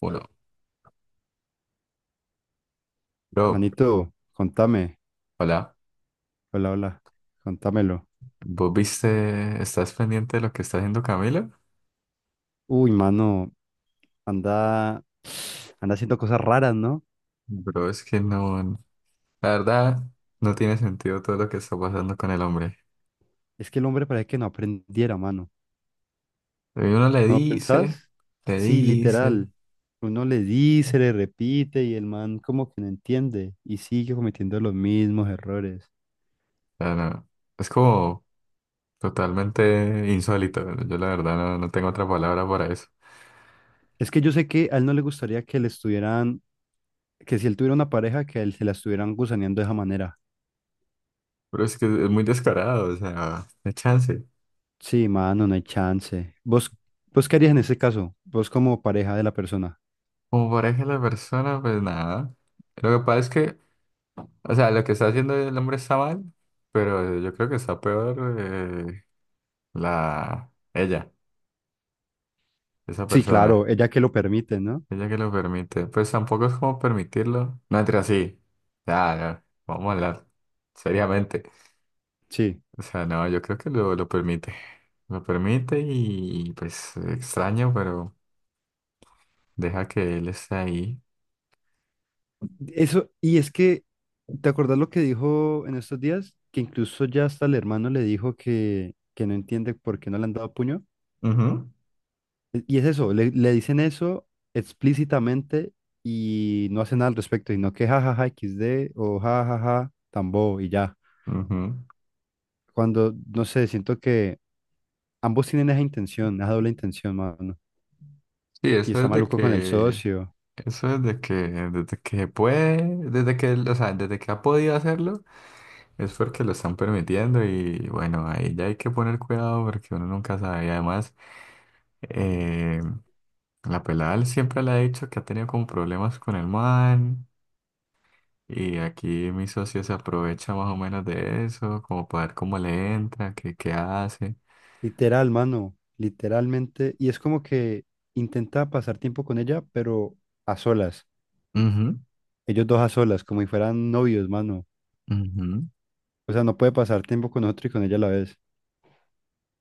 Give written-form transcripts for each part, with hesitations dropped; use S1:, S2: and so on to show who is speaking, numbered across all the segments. S1: Bueno, bro,
S2: Manito, contame.
S1: hola.
S2: Hola, hola. Contámelo.
S1: ¿Vos viste? ¿Estás pendiente de lo que está haciendo Camilo?
S2: Uy, mano, anda, anda haciendo cosas raras, ¿no?
S1: Bro, es que no, la verdad, no tiene sentido todo lo que está pasando con el hombre.
S2: Es que el hombre parece que no aprendiera, mano.
S1: Y uno le
S2: ¿No
S1: dice,
S2: pensás?
S1: le
S2: Sí,
S1: dice,
S2: literal. Uno le dice, le repite y el man como que no entiende y sigue cometiendo los mismos errores.
S1: o no, es como totalmente insólito. Yo la verdad no tengo otra palabra para eso.
S2: Es que yo sé que a él no le gustaría que le estuvieran, que si él tuviera una pareja, que a él se la estuvieran gusaneando de esa manera.
S1: Pero es que es muy descarado, o sea, de chance.
S2: Sí, mano, no hay chance. ¿Vos qué harías en ese caso? Vos como pareja de la persona.
S1: Como pareja de la persona, pues nada. Lo que pasa es que, o sea, lo que está haciendo el hombre está mal, pero yo creo que está peor la ella, esa
S2: Sí,
S1: persona,
S2: claro, ella que lo permite, ¿no?
S1: ella que lo permite. Pues tampoco es como permitirlo. No entre así. Ya, no, vamos a hablar seriamente.
S2: Sí.
S1: O sea, no, yo creo que lo permite. Lo permite y pues extraño, pero deja que él esté ahí.
S2: Eso, y es que, ¿te acordás lo que dijo en estos días? Que incluso ya hasta el hermano le dijo que no entiende por qué no le han dado puño.
S1: Ujú,
S2: Y es eso, le dicen eso explícitamente y no hacen nada al respecto, sino que jajaja XD o jajaja tambo y ya.
S1: ujú.
S2: Cuando, no sé, siento que ambos tienen esa intención, esa doble intención, mano.
S1: Sí,
S2: Y
S1: eso
S2: está
S1: es de
S2: maluco con el
S1: que,
S2: socio.
S1: eso es de que, desde que puede, desde que él, o sea, desde que ha podido hacerlo. Es porque lo están permitiendo y bueno, ahí ya hay que poner cuidado porque uno nunca sabe. Y además, eh, la pelada él siempre le ha dicho que ha tenido como problemas con el man, y aquí mi socio se aprovecha más o menos de eso, como para ver cómo le entra, qué, qué hace.
S2: Literal, mano, literalmente. Y es como que intenta pasar tiempo con ella, pero a solas.
S1: Ujú,
S2: Ellos dos a solas, como si fueran novios, mano.
S1: ujú.
S2: O sea, no puede pasar tiempo con otro y con ella a la vez.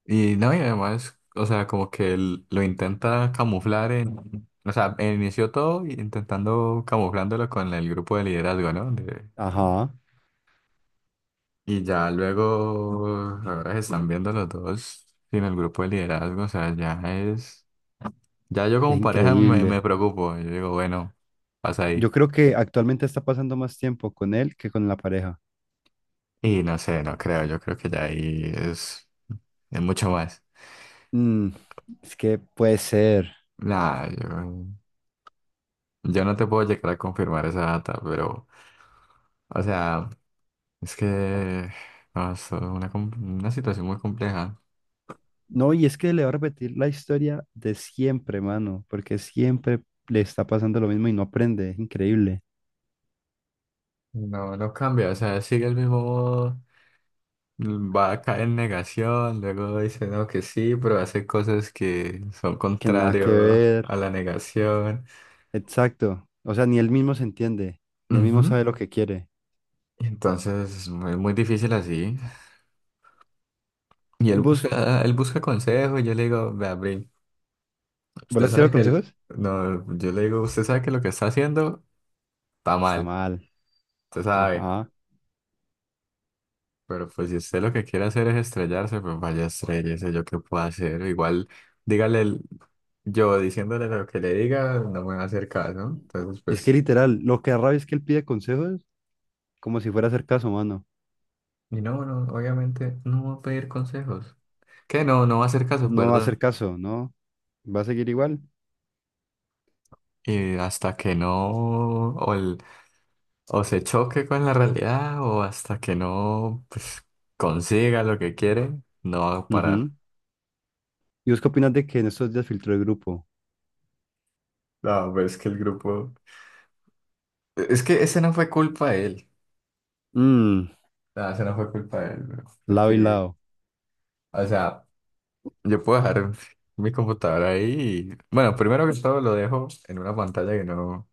S1: Y no, y además, o sea, como que él lo intenta camuflar en, o sea, inició todo intentando camuflándolo con el grupo de liderazgo, ¿no? De...
S2: Ajá,
S1: Y ya luego, ahora se están viendo los dos sin el grupo de liderazgo, o sea, ya es, ya yo
S2: es
S1: como pareja me
S2: increíble.
S1: preocupo, yo digo, bueno, pasa ahí.
S2: Yo creo que actualmente está pasando más tiempo con él que con la pareja.
S1: Y no sé, no creo, yo creo que ya ahí es mucho más.
S2: Mm, es que puede ser.
S1: Nah, yo no te puedo llegar a confirmar esa data, pero, o sea, es que, no, es una, com- una situación muy compleja.
S2: No, y es que le va a repetir la historia de siempre, mano, porque siempre le está pasando lo mismo y no aprende. Es increíble.
S1: No, no cambia, o sea, sigue el mismo, va a caer en negación, luego dice no que sí, pero hace cosas que son
S2: Que nada que
S1: contrario
S2: ver.
S1: a la negación.
S2: Exacto. O sea, ni él mismo se entiende, ni él mismo
S1: Ujú.
S2: sabe lo que quiere.
S1: Entonces es muy, muy difícil así. Y
S2: ¿Vos,
S1: él busca consejo y yo le digo, vea, Brin,
S2: vos le
S1: usted
S2: has
S1: sabe
S2: tirado
S1: que el-
S2: consejos?
S1: no, yo le digo, usted sabe que lo que está haciendo está
S2: Está
S1: mal,
S2: mal.
S1: usted sabe.
S2: Ajá.
S1: Pero pues si usted lo que quiere hacer es estrellarse, pues vaya estrellese, yo qué puedo hacer. Igual, dígale el- yo diciéndole lo que le diga, no me va a hacer caso, ¿no? Entonces,
S2: Y es que
S1: pues.
S2: literal, lo que da rabia es que él pide consejos como si fuera a hacer caso, mano.
S1: Y no, no, obviamente no va a pedir consejos. Que no, no va a hacer caso,
S2: No va a hacer
S1: ¿verdad?
S2: caso, ¿no? Va a seguir igual.
S1: Y hasta que no, o el- o se choque con la realidad, o hasta que no, pues, consiga lo que quiere, no va a parar.
S2: Ujú. ¿Y vos qué opinas de que en estos días filtró el grupo?
S1: No, pero es que el grupo... Es que ese no fue culpa de él.
S2: Mmm,
S1: No, ese no fue culpa de él, bro.
S2: lado y
S1: Porque,
S2: lado.
S1: o sea, yo puedo dejar mi computadora ahí y... Bueno, primero que todo lo dejo en una pantalla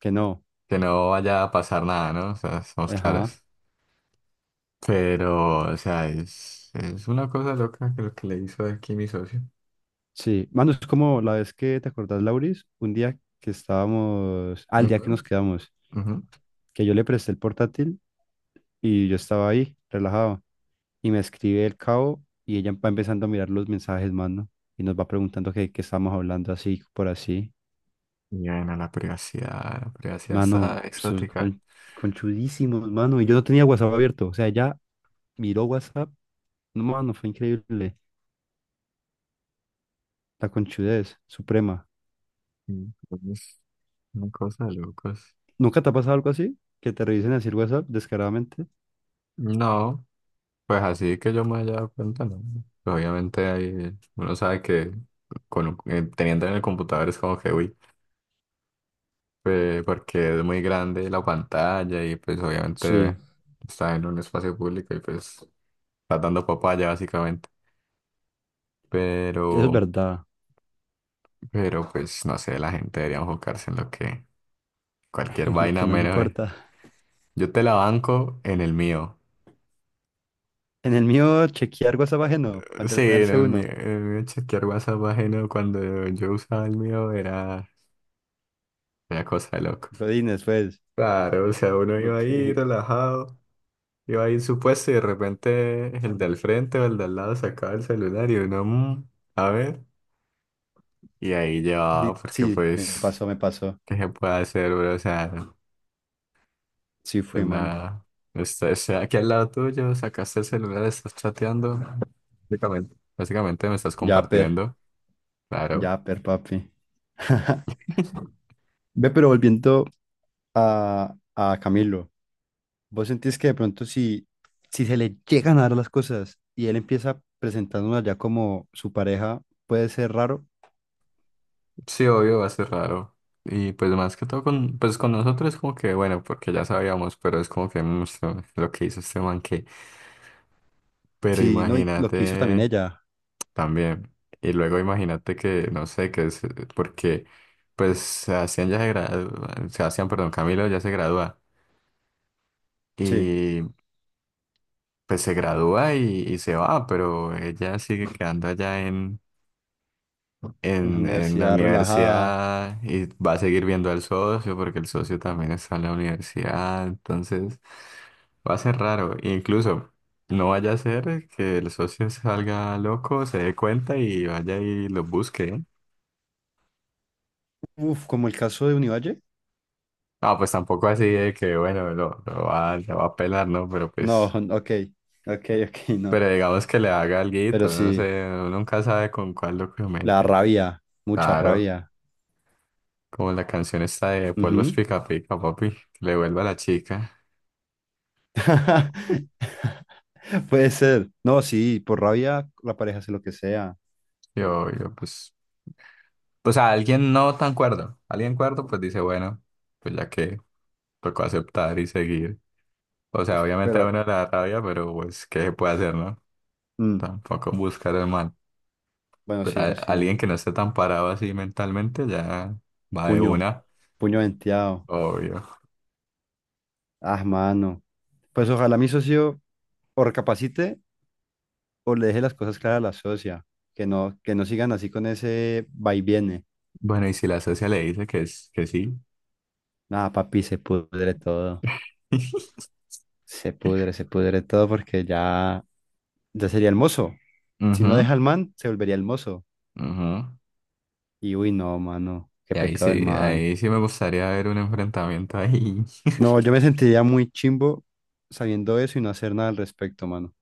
S2: Que no.
S1: que no vaya a pasar nada, ¿no? O sea, somos
S2: Ajá.
S1: claros. Pero, o sea, es una cosa loca que lo que le hizo aquí mi socio.
S2: Sí. Mano, es como la vez que te acordás, Lauris, un día que estábamos, al día que
S1: Ujú,
S2: nos quedamos,
S1: ujú.
S2: que yo le presté el portátil y yo estaba ahí, relajado. Y me escribe el cabo y ella va empezando a mirar los mensajes, mano. Y nos va preguntando qué estamos hablando así, por así.
S1: Y bueno, la privacidad
S2: Mano,
S1: está exótica.
S2: conchudísimos, mano. Y yo no tenía WhatsApp abierto. O sea, ella miró WhatsApp. No, mano, fue increíble. La conchudez suprema.
S1: Entonces, una cosa de locos.
S2: ¿Nunca te ha pasado algo así? ¿Que te revisen así el WhatsApp descaradamente?
S1: No, pues así que yo me haya dado cuenta, no. Obviamente hay, uno sabe que con, un- teniendo en el computador es como que, uy, porque es muy grande la pantalla y pues
S2: Sí,
S1: obviamente está en un espacio público y pues está dando papaya básicamente.
S2: eso es
S1: Pero...
S2: verdad.
S1: Pero pues no sé, la gente debería enfocarse en lo que cualquier
S2: En lo que
S1: vaina
S2: no le
S1: menos.
S2: importa.
S1: Yo te la banco en el mío.
S2: En el mío, chequear WhatsApp ajeno, para
S1: Sí, en
S2: entretenerse
S1: el mío.
S2: uno.
S1: En el mío chequear WhatsApp ajeno cuando yo usaba el mío era, era cosa de locos.
S2: Godines, pues.
S1: Claro, o sea, uno iba
S2: Ok.
S1: ahí
S2: Y-
S1: relajado, iba ahí en su puesto y de repente el del frente o el de al lado sacaba el celular y uno, "Mm, a ver". Y ahí llevaba, porque
S2: Sí, me
S1: pues,
S2: pasó, me pasó.
S1: ¿qué se puede hacer, bro? O sea.
S2: Sí
S1: De
S2: fui, mano.
S1: la... Este, aquí al lado tuyo, sacaste el celular, estás chateando. Básicamente. Básicamente me estás
S2: Yapper,
S1: compartiendo. Claro.
S2: yapper, papi. Ve, pero volviendo a Camilo, ¿vos sentís que de pronto si se le llegan a dar las cosas y él empieza presentándonos ya como su pareja, puede ser raro?
S1: Sí, obvio, va a ser raro. Y pues más que todo con, pues con nosotros es como que, bueno, porque ya sabíamos, pero es como que mm, esto- lo que hizo este man que. Pero
S2: Sí, no, y lo que hizo también
S1: imagínate
S2: ella.
S1: también. Y luego imagínate que, no sé, que es porque pues Sebastián ya se gradúa, Sebastián, perdón, Camilo ya se gradúa.
S2: Sí,
S1: Pues se gradúa y se va, pero ella sigue quedando allá
S2: en la
S1: en la
S2: universidad relajada.
S1: universidad y va a seguir viendo al socio porque el socio también está en la universidad, entonces va a ser raro. E incluso no vaya a ser que el socio salga loco, se dé cuenta y vaya y lo busque, ¿eh?
S2: Uf, como el caso de Univalle.
S1: Ah, pues tampoco así de que, bueno, lo va a pelar, ¿no? Pero
S2: No,
S1: pues,
S2: ok, ok, ok, no.
S1: pero digamos que le haga alguito,
S2: Pero
S1: no
S2: sí,
S1: sé, uno nunca sabe con cuál lo
S2: la
S1: comete.
S2: rabia, mucha
S1: Claro.
S2: rabia.
S1: Como la canción esta de Polvos
S2: Ujú.
S1: Pica Pica, papi, que le vuelva a la chica.
S2: Puede ser. No, sí, por rabia la pareja hace lo que sea.
S1: Yo, pues, o sea, alguien no tan cuerdo, alguien cuerdo, pues dice, bueno, pues ya que tocó aceptar y seguir. O sea, obviamente a
S2: Pero,
S1: uno le da rabia, pero pues, ¿qué se puede hacer, no?
S2: mm,
S1: Tampoco buscar el mal.
S2: bueno,
S1: Pero
S2: sí,
S1: a-
S2: eso sí.
S1: alguien que no esté tan parado así mentalmente ya va de
S2: Puño,
S1: una,
S2: puño venteado.
S1: obvio.
S2: Ah, mano. Pues ojalá mi socio o recapacite o le deje las cosas claras a la socia. Que no sigan así con ese va y viene.
S1: Bueno, y si la socia le dice que, es, que sí.
S2: Nada, papi, se pudre todo. Se pudre todo porque ya, ya sería el mozo. Si no
S1: Ujú,
S2: deja al man, se volvería el mozo.
S1: ujú.
S2: Y uy, no, mano. Qué
S1: Y
S2: pecado el man.
S1: ahí sí me gustaría ver un enfrentamiento ahí.
S2: No, yo me sentiría muy chimbo sabiendo eso y no hacer nada al respecto, mano.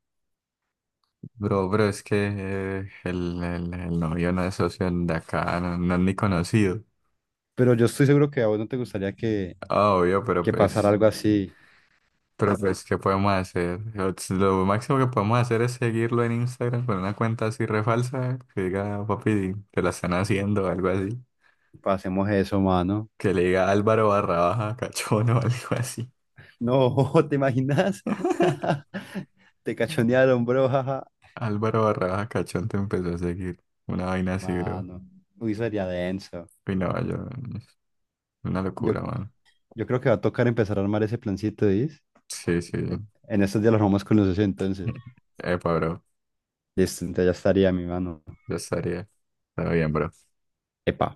S1: Bro, bro, es que el novio no es socio de acá, no, no es ni conocido.
S2: Pero yo estoy seguro que a vos no te gustaría
S1: Ah, obvio,
S2: que pasara algo así.
S1: pero pues, ¿qué podemos hacer? Lo máximo que podemos hacer es seguirlo en Instagram con una cuenta así refalsa, que diga, papi, te la están haciendo, o algo así.
S2: Pasemos eso, mano.
S1: Que le diga Álvaro barra baja cachón o algo así.
S2: No, ¿te imaginas? Te cachonearon, bro, jaja.
S1: Álvaro barra baja cachón te empezó a seguir. Una vaina así, bro.
S2: Mano, uy, sería denso.
S1: Y no, yo, una
S2: Yo,
S1: locura, mano.
S2: yo creo que va a tocar empezar a armar ese plancito, ¿dis?
S1: Sí, sí.
S2: En estos días lo armamos con los 60, entonces.
S1: Epa, bro,
S2: Listo, entonces ya estaría mi mano.
S1: ya estaría. Está bien, bro.
S2: Epa.